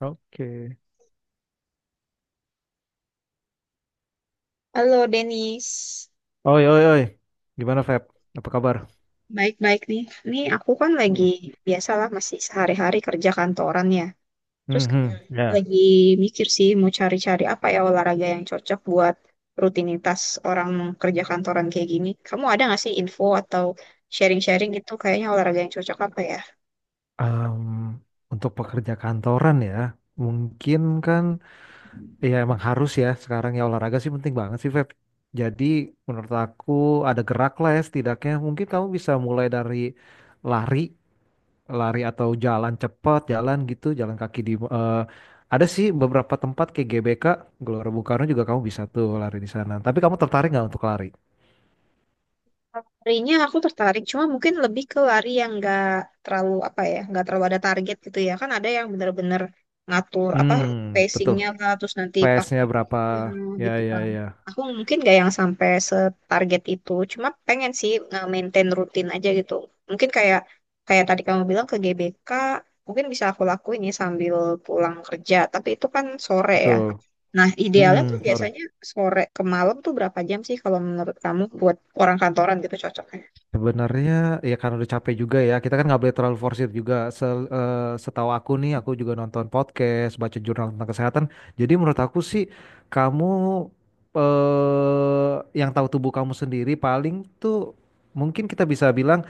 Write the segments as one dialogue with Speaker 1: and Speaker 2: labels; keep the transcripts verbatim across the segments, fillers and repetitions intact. Speaker 1: Oke.
Speaker 2: Halo Denis,
Speaker 1: Oi, oi, oi. Gimana, Feb? Apa kabar?
Speaker 2: baik-baik nih. Nih aku kan lagi
Speaker 1: Hmm.
Speaker 2: biasalah masih sehari-hari kerja kantoran ya. Terus kayak
Speaker 1: Mhm. Ya.
Speaker 2: lagi mikir sih mau cari-cari apa ya olahraga yang cocok buat rutinitas orang kerja kantoran kayak gini. Kamu ada nggak sih info atau sharing-sharing gitu kayaknya olahraga yang cocok apa ya?
Speaker 1: Em, untuk pekerja kantoran ya, mungkin kan ya emang harus ya sekarang ya olahraga sih penting banget sih, Feb. Jadi menurut aku ada gerak lah ya setidaknya. Mungkin kamu bisa mulai dari lari, lari atau jalan cepat, jalan gitu, jalan kaki di eh, ada sih beberapa tempat kayak G B K, Gelora Bung Karno juga kamu bisa tuh lari di sana. Tapi kamu tertarik nggak untuk lari?
Speaker 2: Larinya aku tertarik, cuma mungkin lebih ke lari yang nggak terlalu apa ya, nggak terlalu ada target gitu ya. Kan ada yang bener-bener ngatur apa
Speaker 1: Hmm, betul.
Speaker 2: pacingnya lah, terus nanti
Speaker 1: P S-nya
Speaker 2: pakai ya,
Speaker 1: berapa? Ya,
Speaker 2: gitu
Speaker 1: ya,
Speaker 2: kan.
Speaker 1: ya.
Speaker 2: Aku mungkin nggak yang sampai setarget itu, cuma pengen sih nge-maintain rutin aja gitu. Mungkin kayak kayak tadi kamu bilang ke G B K, mungkin bisa aku lakuin ya sambil pulang kerja, tapi itu kan sore ya.
Speaker 1: Betul.
Speaker 2: Nah, idealnya tuh
Speaker 1: Mm-mm, sorry.
Speaker 2: biasanya sore ke malam tuh berapa jam sih kalau menurut kamu buat orang kantoran gitu cocok?
Speaker 1: Sebenarnya ya karena udah capek juga ya. Kita kan nggak boleh terlalu forsir juga. Se- eh, setahu aku nih, aku juga nonton podcast, baca jurnal tentang kesehatan. Jadi menurut aku sih, kamu eh, yang tahu tubuh kamu sendiri paling tuh mungkin kita bisa bilang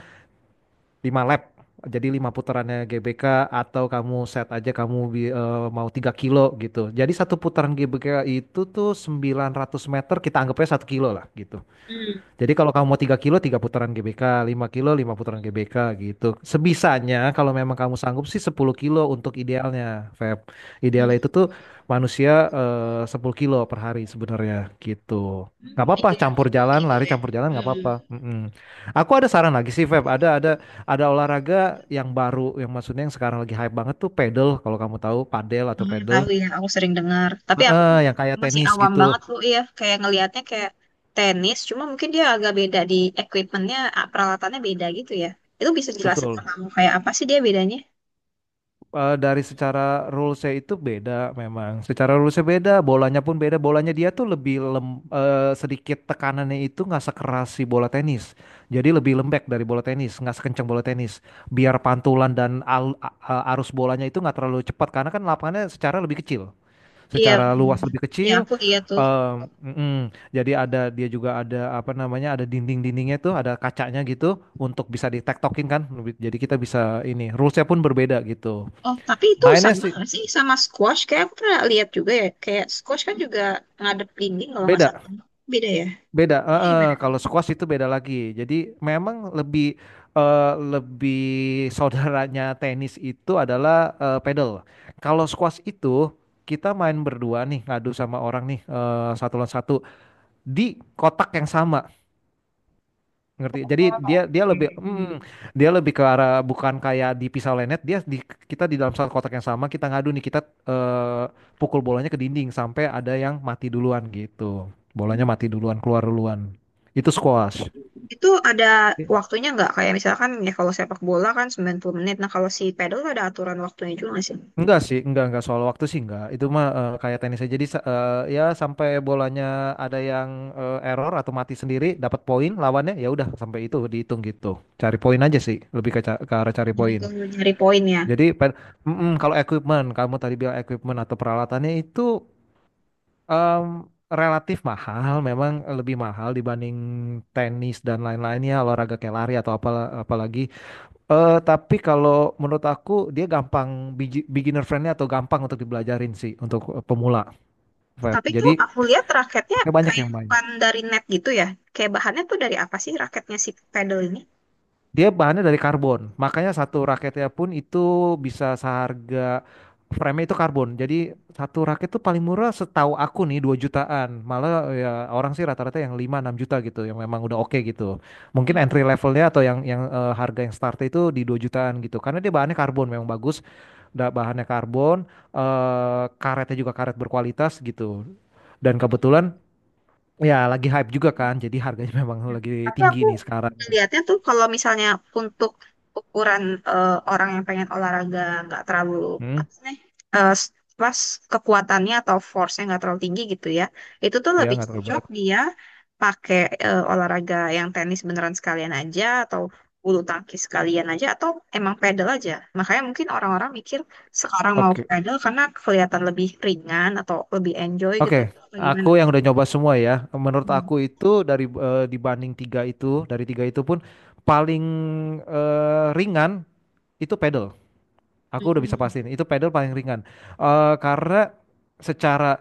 Speaker 1: lima lap. Jadi lima putarannya G B K atau kamu set aja kamu bi- eh, mau tiga kilo gitu. Jadi satu putaran G B K itu tuh sembilan ratus meter, kita anggapnya satu kilo lah gitu.
Speaker 2: Hmm.
Speaker 1: Jadi kalau kamu mau tiga kilo, tiga putaran G B K, lima kilo, lima putaran G B K gitu. Sebisanya kalau memang kamu sanggup sih sepuluh kilo untuk idealnya, Feb. Idealnya itu
Speaker 2: Hmm.
Speaker 1: tuh manusia eh, 10 kilo per hari sebenarnya gitu.
Speaker 2: Hmm,
Speaker 1: Nggak apa-apa,
Speaker 2: iya,
Speaker 1: campur jalan,
Speaker 2: gitu
Speaker 1: lari
Speaker 2: ya.
Speaker 1: campur jalan nggak
Speaker 2: Hmm.
Speaker 1: apa-apa. Mm-mm. Aku ada saran lagi sih, Feb. Ada ada ada olahraga yang baru, yang maksudnya yang sekarang lagi hype banget tuh pedal. Kalau kamu tahu, padel atau
Speaker 2: Hmm,
Speaker 1: pedal,
Speaker 2: tahu ya, aku sering dengar. Tapi aku
Speaker 1: Eh, yang kayak
Speaker 2: masih
Speaker 1: tenis
Speaker 2: awam
Speaker 1: gitu.
Speaker 2: banget loh ya, kayak ngelihatnya kayak tenis, cuma mungkin dia agak beda di equipmentnya, ah, peralatannya beda gitu ya. Itu bisa jelasin ke
Speaker 1: Betul.
Speaker 2: kamu kayak apa sih dia bedanya?
Speaker 1: eh, dari secara rulesnya itu beda memang. Secara rulesnya beda, bolanya pun beda. Bolanya dia tuh lebih lem, eh, sedikit, tekanannya itu nggak sekeras si bola tenis. Jadi lebih lembek dari bola tenis, nggak sekencang bola tenis. Biar pantulan dan al- a- a- arus bolanya itu nggak terlalu cepat karena kan lapangannya secara lebih kecil,
Speaker 2: Iya,
Speaker 1: secara
Speaker 2: hmm.
Speaker 1: luas lebih
Speaker 2: Iya
Speaker 1: kecil.
Speaker 2: aku lihat tuh.
Speaker 1: Em, mm-mm. Jadi ada dia juga, ada apa namanya, ada dinding-dindingnya tuh, ada kacanya gitu untuk bisa ditektokin kan. Lebih- Jadi kita bisa ini, rulesnya pun berbeda gitu.
Speaker 2: Oh, tapi itu
Speaker 1: Mainnya
Speaker 2: sama
Speaker 1: sih
Speaker 2: nggak sih sama squash? Kayak aku pernah lihat juga ya, kayak squash kan juga ngadep dinding kalau nggak
Speaker 1: beda,
Speaker 2: salah. Beda ya?
Speaker 1: beda.
Speaker 2: Jadi
Speaker 1: Heeh,
Speaker 2: gimana?
Speaker 1: kalau squash itu beda lagi. Jadi memang lebih eh, lebih saudaranya tenis itu adalah eh, pedal. Kalau squash itu kita main berdua nih, ngadu sama orang nih, eh, satu lawan satu di kotak yang sama. Ngerti,
Speaker 2: Oh,
Speaker 1: jadi dia dia lebih
Speaker 2: oke.
Speaker 1: mm, dia lebih ke arah bukan kayak di pisau lenet, dia di kita di dalam satu kotak yang sama, kita ngadu nih, kita eh, pukul bolanya ke dinding sampai ada yang mati duluan, gitu,
Speaker 2: Hmm.
Speaker 1: bolanya mati duluan, keluar duluan, itu squash.
Speaker 2: Itu ada
Speaker 1: I-
Speaker 2: waktunya nggak? Kayak misalkan ya kalau sepak bola kan sembilan puluh menit. Nah kalau si pedal tuh ada aturan waktunya juga nggak sih?
Speaker 1: enggak sih, enggak enggak soal waktu sih, enggak, itu mah eh, kayak tenis aja, jadi sa- eh, ya sampai bolanya ada yang eh, error atau mati sendiri, dapat poin lawannya, ya udah, sampai itu dihitung gitu, cari poin aja sih, lebih ke, ca- ke arah cari
Speaker 2: Jadi
Speaker 1: poin.
Speaker 2: kalau nyari poin ya.
Speaker 1: Jadi pen- Mm-mm, kalau equipment, kamu tadi bilang equipment atau peralatannya itu em, relatif mahal, memang lebih mahal dibanding tenis dan lain-lainnya, olahraga kayak lari atau apa apalagi. Eh, tapi kalau menurut aku dia gampang, biji- beginner friendly atau gampang untuk dibelajarin sih untuk eh, pemula, Feb.
Speaker 2: Tapi tuh
Speaker 1: Jadi
Speaker 2: aku lihat raketnya
Speaker 1: pakai banyak
Speaker 2: kayak
Speaker 1: yang main.
Speaker 2: bukan dari net gitu ya. Kayak bahannya tuh dari apa sih raketnya si pedal ini?
Speaker 1: Dia bahannya dari karbon, makanya satu raketnya pun itu bisa seharga frame itu karbon. Jadi satu raket tuh paling murah setahu aku nih dua jutaan. Malah ya, orang sih rata-rata yang lima enam juta gitu yang memang udah oke gitu. Mungkin
Speaker 2: Hmm.
Speaker 1: entry levelnya atau yang yang eh, harga yang start itu di dua jutaan gitu. Karena dia bahannya karbon memang bagus, da- bahannya karbon, eh, karetnya juga karet berkualitas gitu. Dan kebetulan ya lagi hype juga kan. Jadi harganya memang lagi
Speaker 2: Tapi
Speaker 1: tinggi
Speaker 2: aku
Speaker 1: nih sekarang.
Speaker 2: ngeliatnya tuh kalau misalnya untuk ukuran eh, orang yang pengen olahraga nggak terlalu
Speaker 1: Hmm,
Speaker 2: apa sih nih, eh, s- pas kekuatannya atau force-nya nggak terlalu tinggi gitu ya, itu tuh
Speaker 1: ya
Speaker 2: lebih
Speaker 1: nggak terlalu
Speaker 2: cocok
Speaker 1: berat.
Speaker 2: dia pakai eh, olahraga yang tenis beneran sekalian aja atau bulu tangkis sekalian aja atau emang pedal aja. Makanya mungkin orang-orang mikir sekarang mau
Speaker 1: Oke.
Speaker 2: pedal karena kelihatan lebih ringan atau lebih enjoy gitu
Speaker 1: Oke,
Speaker 2: atau gimana?
Speaker 1: aku yang udah nyoba semua ya. Menurut
Speaker 2: Hmm.
Speaker 1: aku itu dari eh, dibanding tiga itu, dari tiga itu pun paling eh, ringan itu pedal. Aku udah bisa
Speaker 2: Hmm.
Speaker 1: pastiin itu pedal paling ringan. Eh, karena secara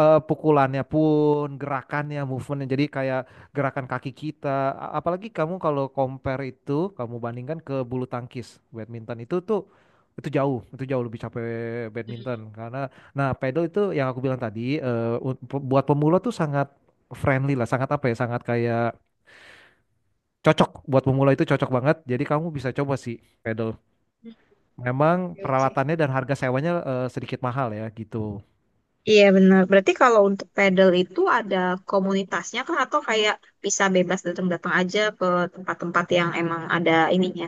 Speaker 1: eh, pukulannya pun, gerakannya, movementnya. Jadi kayak gerakan kaki kita. A- Apalagi kamu kalau compare itu, kamu bandingkan ke bulu tangkis, badminton itu tuh itu jauh, itu jauh lebih capek
Speaker 2: Hmm.
Speaker 1: badminton karena nah, pedal itu yang aku bilang tadi, eh, un- pe- buat pemula tuh sangat friendly lah, sangat apa ya, sangat kayak cocok buat pemula, itu cocok banget. Jadi kamu bisa coba sih pedal. Memang
Speaker 2: Oke, oke.
Speaker 1: peralatannya dan harga sewanya eh, sedikit mahal ya gitu.
Speaker 2: Iya benar. Berarti kalau untuk pedal itu ada komunitasnya kah atau kayak bisa bebas datang-datang aja ke tempat-tempat yang emang ada ininya,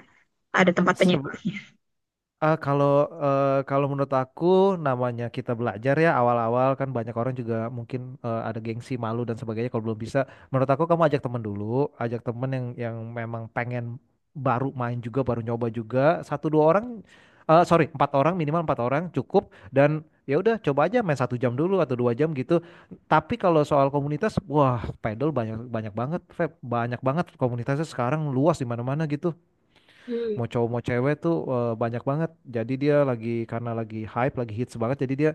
Speaker 2: ada tempat penyewa.
Speaker 1: Ah, kalau eh, kalau menurut aku, namanya kita belajar ya, awal-awal kan banyak orang juga mungkin eh, ada gengsi, malu, dan sebagainya kalau belum bisa. Menurut aku, kamu ajak temen dulu, ajak temen yang yang memang pengen baru main juga, baru nyoba juga, satu dua orang, eh, sorry, empat orang, minimal empat orang cukup, dan ya udah, coba aja main satu jam dulu atau dua jam gitu. Tapi kalau soal komunitas, wah, pedal banyak, banyak banget, Feb. Banyak banget komunitasnya sekarang, luas di mana-mana gitu,
Speaker 2: Hmm.
Speaker 1: mau cowok mau cewek tuh eh, banyak banget. Jadi dia lagi, karena lagi hype, lagi hits banget. Jadi dia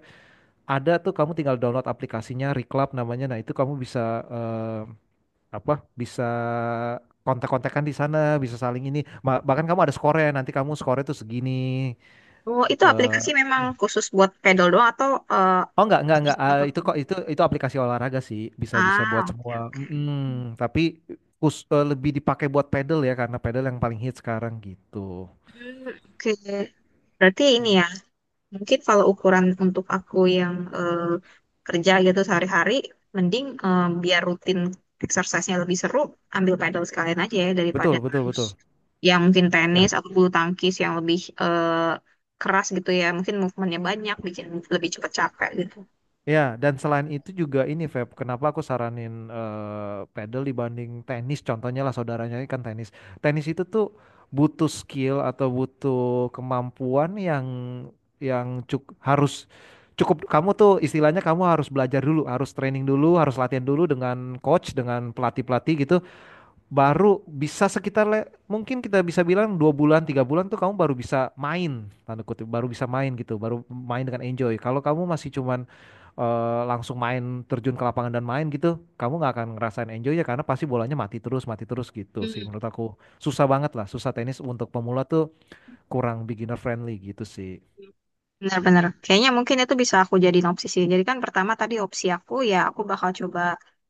Speaker 1: ada tuh, kamu tinggal download aplikasinya, Reclub namanya. Nah, itu kamu bisa eh, apa? Bisa kontak-kontakan di sana, bisa saling ini. Ma- Bahkan kamu ada skornya, nanti kamu skornya tuh segini.
Speaker 2: Oh, itu
Speaker 1: Eh,
Speaker 2: aplikasi memang
Speaker 1: Ya.
Speaker 2: khusus buat pedal doang atau eh,
Speaker 1: Oh, enggak, enggak, enggak.
Speaker 2: bisa
Speaker 1: Ah, itu
Speaker 2: pakai?
Speaker 1: kok itu itu aplikasi olahraga sih, bisa-bisa buat
Speaker 2: Ah, oke
Speaker 1: semua.
Speaker 2: oke.
Speaker 1: Mm-mm. Tapi kus- eh, lebih dipakai buat pedal ya, karena pedal yang paling hits sekarang gitu.
Speaker 2: Hmm, oke. Berarti ini
Speaker 1: Mm.
Speaker 2: ya. Mungkin kalau ukuran untuk aku yang eh, kerja gitu sehari-hari, mending eh, biar rutin exercise-nya lebih seru, ambil pedal sekalian aja ya daripada
Speaker 1: Betul, betul,
Speaker 2: harus
Speaker 1: betul.
Speaker 2: yang mungkin tenis
Speaker 1: Ya.
Speaker 2: atau bulu tangkis yang lebih eh, keras gitu ya. Mungkin movementnya banyak, bikin lebih cepat capek gitu.
Speaker 1: Ya, dan selain itu juga ini, Feb, kenapa aku saranin eh, pedal dibanding tenis? Contohnya lah, saudaranya ini kan tenis. Tenis itu tuh butuh skill atau butuh kemampuan yang yang cuk harus cukup, kamu tuh istilahnya kamu harus belajar dulu, harus training dulu, harus latihan dulu dengan coach, dengan pelatih-pelatih gitu, baru bisa sekitar, le- mungkin kita bisa bilang dua bulan, tiga bulan tuh kamu baru bisa main, tanda kutip, baru bisa main gitu, baru main dengan enjoy. Kalau kamu masih cuman eh, langsung main, terjun ke lapangan dan main gitu, kamu nggak akan ngerasain enjoy, ya karena pasti bolanya mati terus, mati terus gitu sih. Menurut aku susah banget lah, susah tenis untuk pemula tuh, kurang beginner friendly gitu sih.
Speaker 2: Benar-benar. Kayaknya mungkin itu bisa aku jadiin opsi sih. Jadi kan pertama tadi opsi aku ya aku bakal coba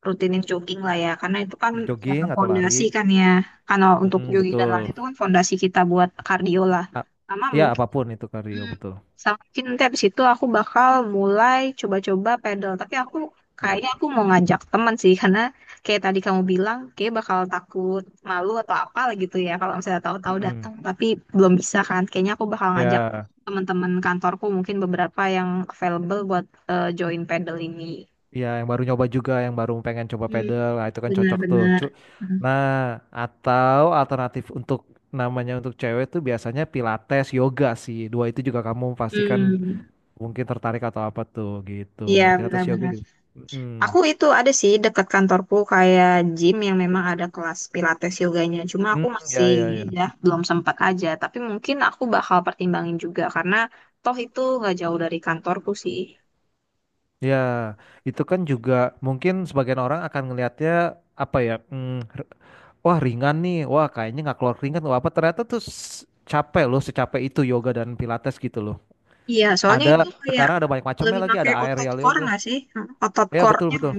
Speaker 2: rutinin jogging lah ya. Karena itu kan ya,
Speaker 1: Jogging atau lari.
Speaker 2: fondasi kan ya. Karena untuk
Speaker 1: Mm-mm,
Speaker 2: jogging dan lari
Speaker 1: betul.
Speaker 2: itu kan fondasi kita buat kardio lah.
Speaker 1: A-
Speaker 2: Sama
Speaker 1: Ya apapun itu kardio,
Speaker 2: Hmm.
Speaker 1: betul.
Speaker 2: Sama mungkin nanti habis itu aku bakal mulai coba-coba pedal. Tapi aku
Speaker 1: Gitu.
Speaker 2: kayaknya aku mau ngajak teman sih karena kayak tadi kamu bilang kayak bakal takut malu atau apa gitu ya kalau misalnya tahu-tahu
Speaker 1: Mm-mm.
Speaker 2: datang tapi belum bisa kan. Kayaknya aku bakal ngajak
Speaker 1: Ya,
Speaker 2: teman-teman kantorku mungkin beberapa yang available buat eh, join pedal ini.
Speaker 1: ya yang baru nyoba juga, yang baru pengen coba
Speaker 2: Hmm,
Speaker 1: pedal, nah, itu kan cocok tuh. Cu-
Speaker 2: benar-benar.
Speaker 1: Nah, atau alternatif untuk namanya untuk cewek tuh biasanya pilates, yoga sih. Dua itu juga kamu pastikan
Speaker 2: Hmm,
Speaker 1: mungkin tertarik atau apa tuh gitu.
Speaker 2: iya
Speaker 1: Pilates, yoga
Speaker 2: benar-benar.
Speaker 1: juga. Hmm.
Speaker 2: Aku itu ada sih dekat kantorku kayak gym yang memang ada kelas pilates yoganya. Cuma
Speaker 1: Hmm,
Speaker 2: aku masih
Speaker 1: ya ya
Speaker 2: ini
Speaker 1: ya.
Speaker 2: ya belum sempat aja. Tapi mungkin aku bakal pertimbangin juga karena toh itu nggak jauh dari kantorku sih.
Speaker 1: Ya, itu kan juga mungkin sebagian orang akan ngelihatnya apa ya? hmm, r- Wah, ringan nih. Wah, kayaknya nggak keluar keringat atau apa. Ternyata tuh s- capek loh, secapek itu yoga dan pilates gitu loh.
Speaker 2: Iya, soalnya itu
Speaker 1: Ada,
Speaker 2: kayak
Speaker 1: sekarang ada banyak macamnya
Speaker 2: lebih
Speaker 1: lagi,
Speaker 2: pakai
Speaker 1: ada
Speaker 2: otot
Speaker 1: aerial
Speaker 2: core
Speaker 1: yoga.
Speaker 2: nggak sih? Hmm, otot
Speaker 1: Ya, betul
Speaker 2: core-nya
Speaker 1: betul.
Speaker 2: kan.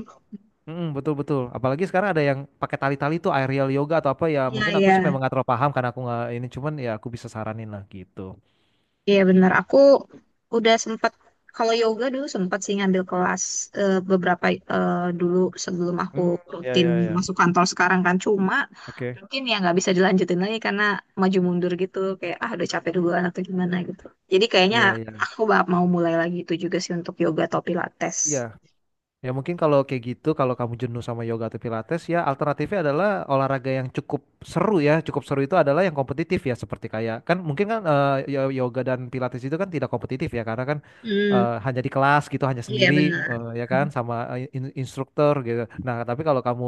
Speaker 1: Mm, betul betul. Apalagi sekarang ada yang pakai tali-tali tuh, aerial yoga atau apa ya.
Speaker 2: Iya,
Speaker 1: Mungkin aku
Speaker 2: iya.
Speaker 1: sih memang nggak terlalu paham karena aku nggak ini, cuman ya aku bisa saranin lah gitu.
Speaker 2: Iya benar, aku udah sempat kalau yoga dulu sempat sih ngambil kelas eh, beberapa eh, dulu sebelum aku
Speaker 1: Hmm, ya
Speaker 2: rutin
Speaker 1: ya ya.
Speaker 2: masuk kantor sekarang. Kan cuma
Speaker 1: Oke.
Speaker 2: mungkin ya nggak bisa dilanjutin lagi karena maju mundur gitu kayak ah udah capek duluan atau gimana gitu. Jadi kayaknya
Speaker 1: Iya, iya.
Speaker 2: aku bak- mau mulai lagi itu juga sih untuk yoga atau
Speaker 1: Iya.
Speaker 2: pilates.
Speaker 1: Ya mungkin kalau kayak gitu, kalau kamu jenuh sama yoga atau pilates, ya alternatifnya adalah olahraga yang cukup seru ya. Cukup seru itu adalah yang kompetitif ya, seperti kayak kan mungkin kan, eh, yo- yoga dan pilates itu kan tidak kompetitif ya, karena kan
Speaker 2: Hmm.
Speaker 1: eh, hanya di kelas gitu, hanya
Speaker 2: Iya
Speaker 1: sendiri,
Speaker 2: benar.
Speaker 1: eh, ya
Speaker 2: Hmm.
Speaker 1: kan, sama eh, in- instruktur gitu. Nah, tapi kalau kamu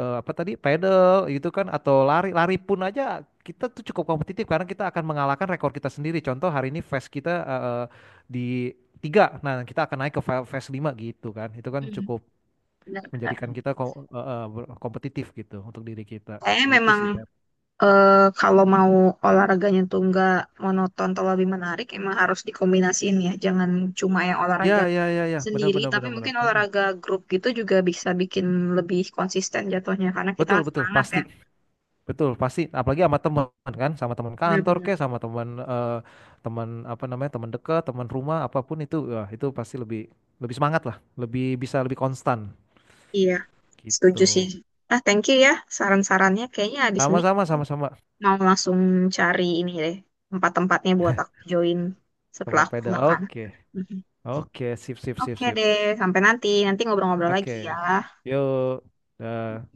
Speaker 1: eh, apa tadi, pedal gitu kan, atau lari, lari pun aja kita tuh cukup kompetitif karena kita akan mengalahkan rekor kita sendiri. Contoh hari ini fast kita eh, eh, di tiga, nah kita akan naik ke fa- fast 5 gitu kan, itu kan cukup
Speaker 2: Benar, benar.
Speaker 1: menjadikan kita ko- eh, eh, ber- kompetitif gitu untuk diri kita
Speaker 2: Saya
Speaker 1: gitu
Speaker 2: memang
Speaker 1: sih, Pep.
Speaker 2: eh, kalau mau olahraganya tuh nggak monoton atau lebih menarik, emang harus dikombinasiin ya. Jangan cuma yang
Speaker 1: Ya
Speaker 2: olahraga
Speaker 1: ya ya ya, benar
Speaker 2: sendiri,
Speaker 1: benar
Speaker 2: tapi
Speaker 1: benar benar.
Speaker 2: mungkin
Speaker 1: Mm-mm.
Speaker 2: olahraga grup gitu juga bisa bikin lebih konsisten jatuhnya, karena kita
Speaker 1: Betul
Speaker 2: kan
Speaker 1: betul
Speaker 2: semangat ya.
Speaker 1: pasti. Betul, pasti apalagi sama teman kan, sama teman kantor
Speaker 2: Benar-benar.
Speaker 1: kek, sama teman eh, teman apa namanya, teman dekat, teman rumah, apapun itu, wah, itu pasti lebih lebih semangat lah, lebih bisa lebih konstan
Speaker 2: Iya, setuju sih.
Speaker 1: gitu.
Speaker 2: Ah, thank you ya saran-sarannya. Kayaknya abis ini
Speaker 1: Sama-sama, sama-sama,
Speaker 2: mau langsung cari ini deh, tempat-tempatnya buat aku join setelah
Speaker 1: tempat
Speaker 2: aku
Speaker 1: pedal.
Speaker 2: makan.
Speaker 1: Oke,
Speaker 2: Mhm.
Speaker 1: oke, sip, sip, sip,
Speaker 2: Oke
Speaker 1: sip.
Speaker 2: deh, sampai nanti. Nanti ngobrol-ngobrol
Speaker 1: Oke,
Speaker 2: lagi ya.
Speaker 1: yuk. Dah.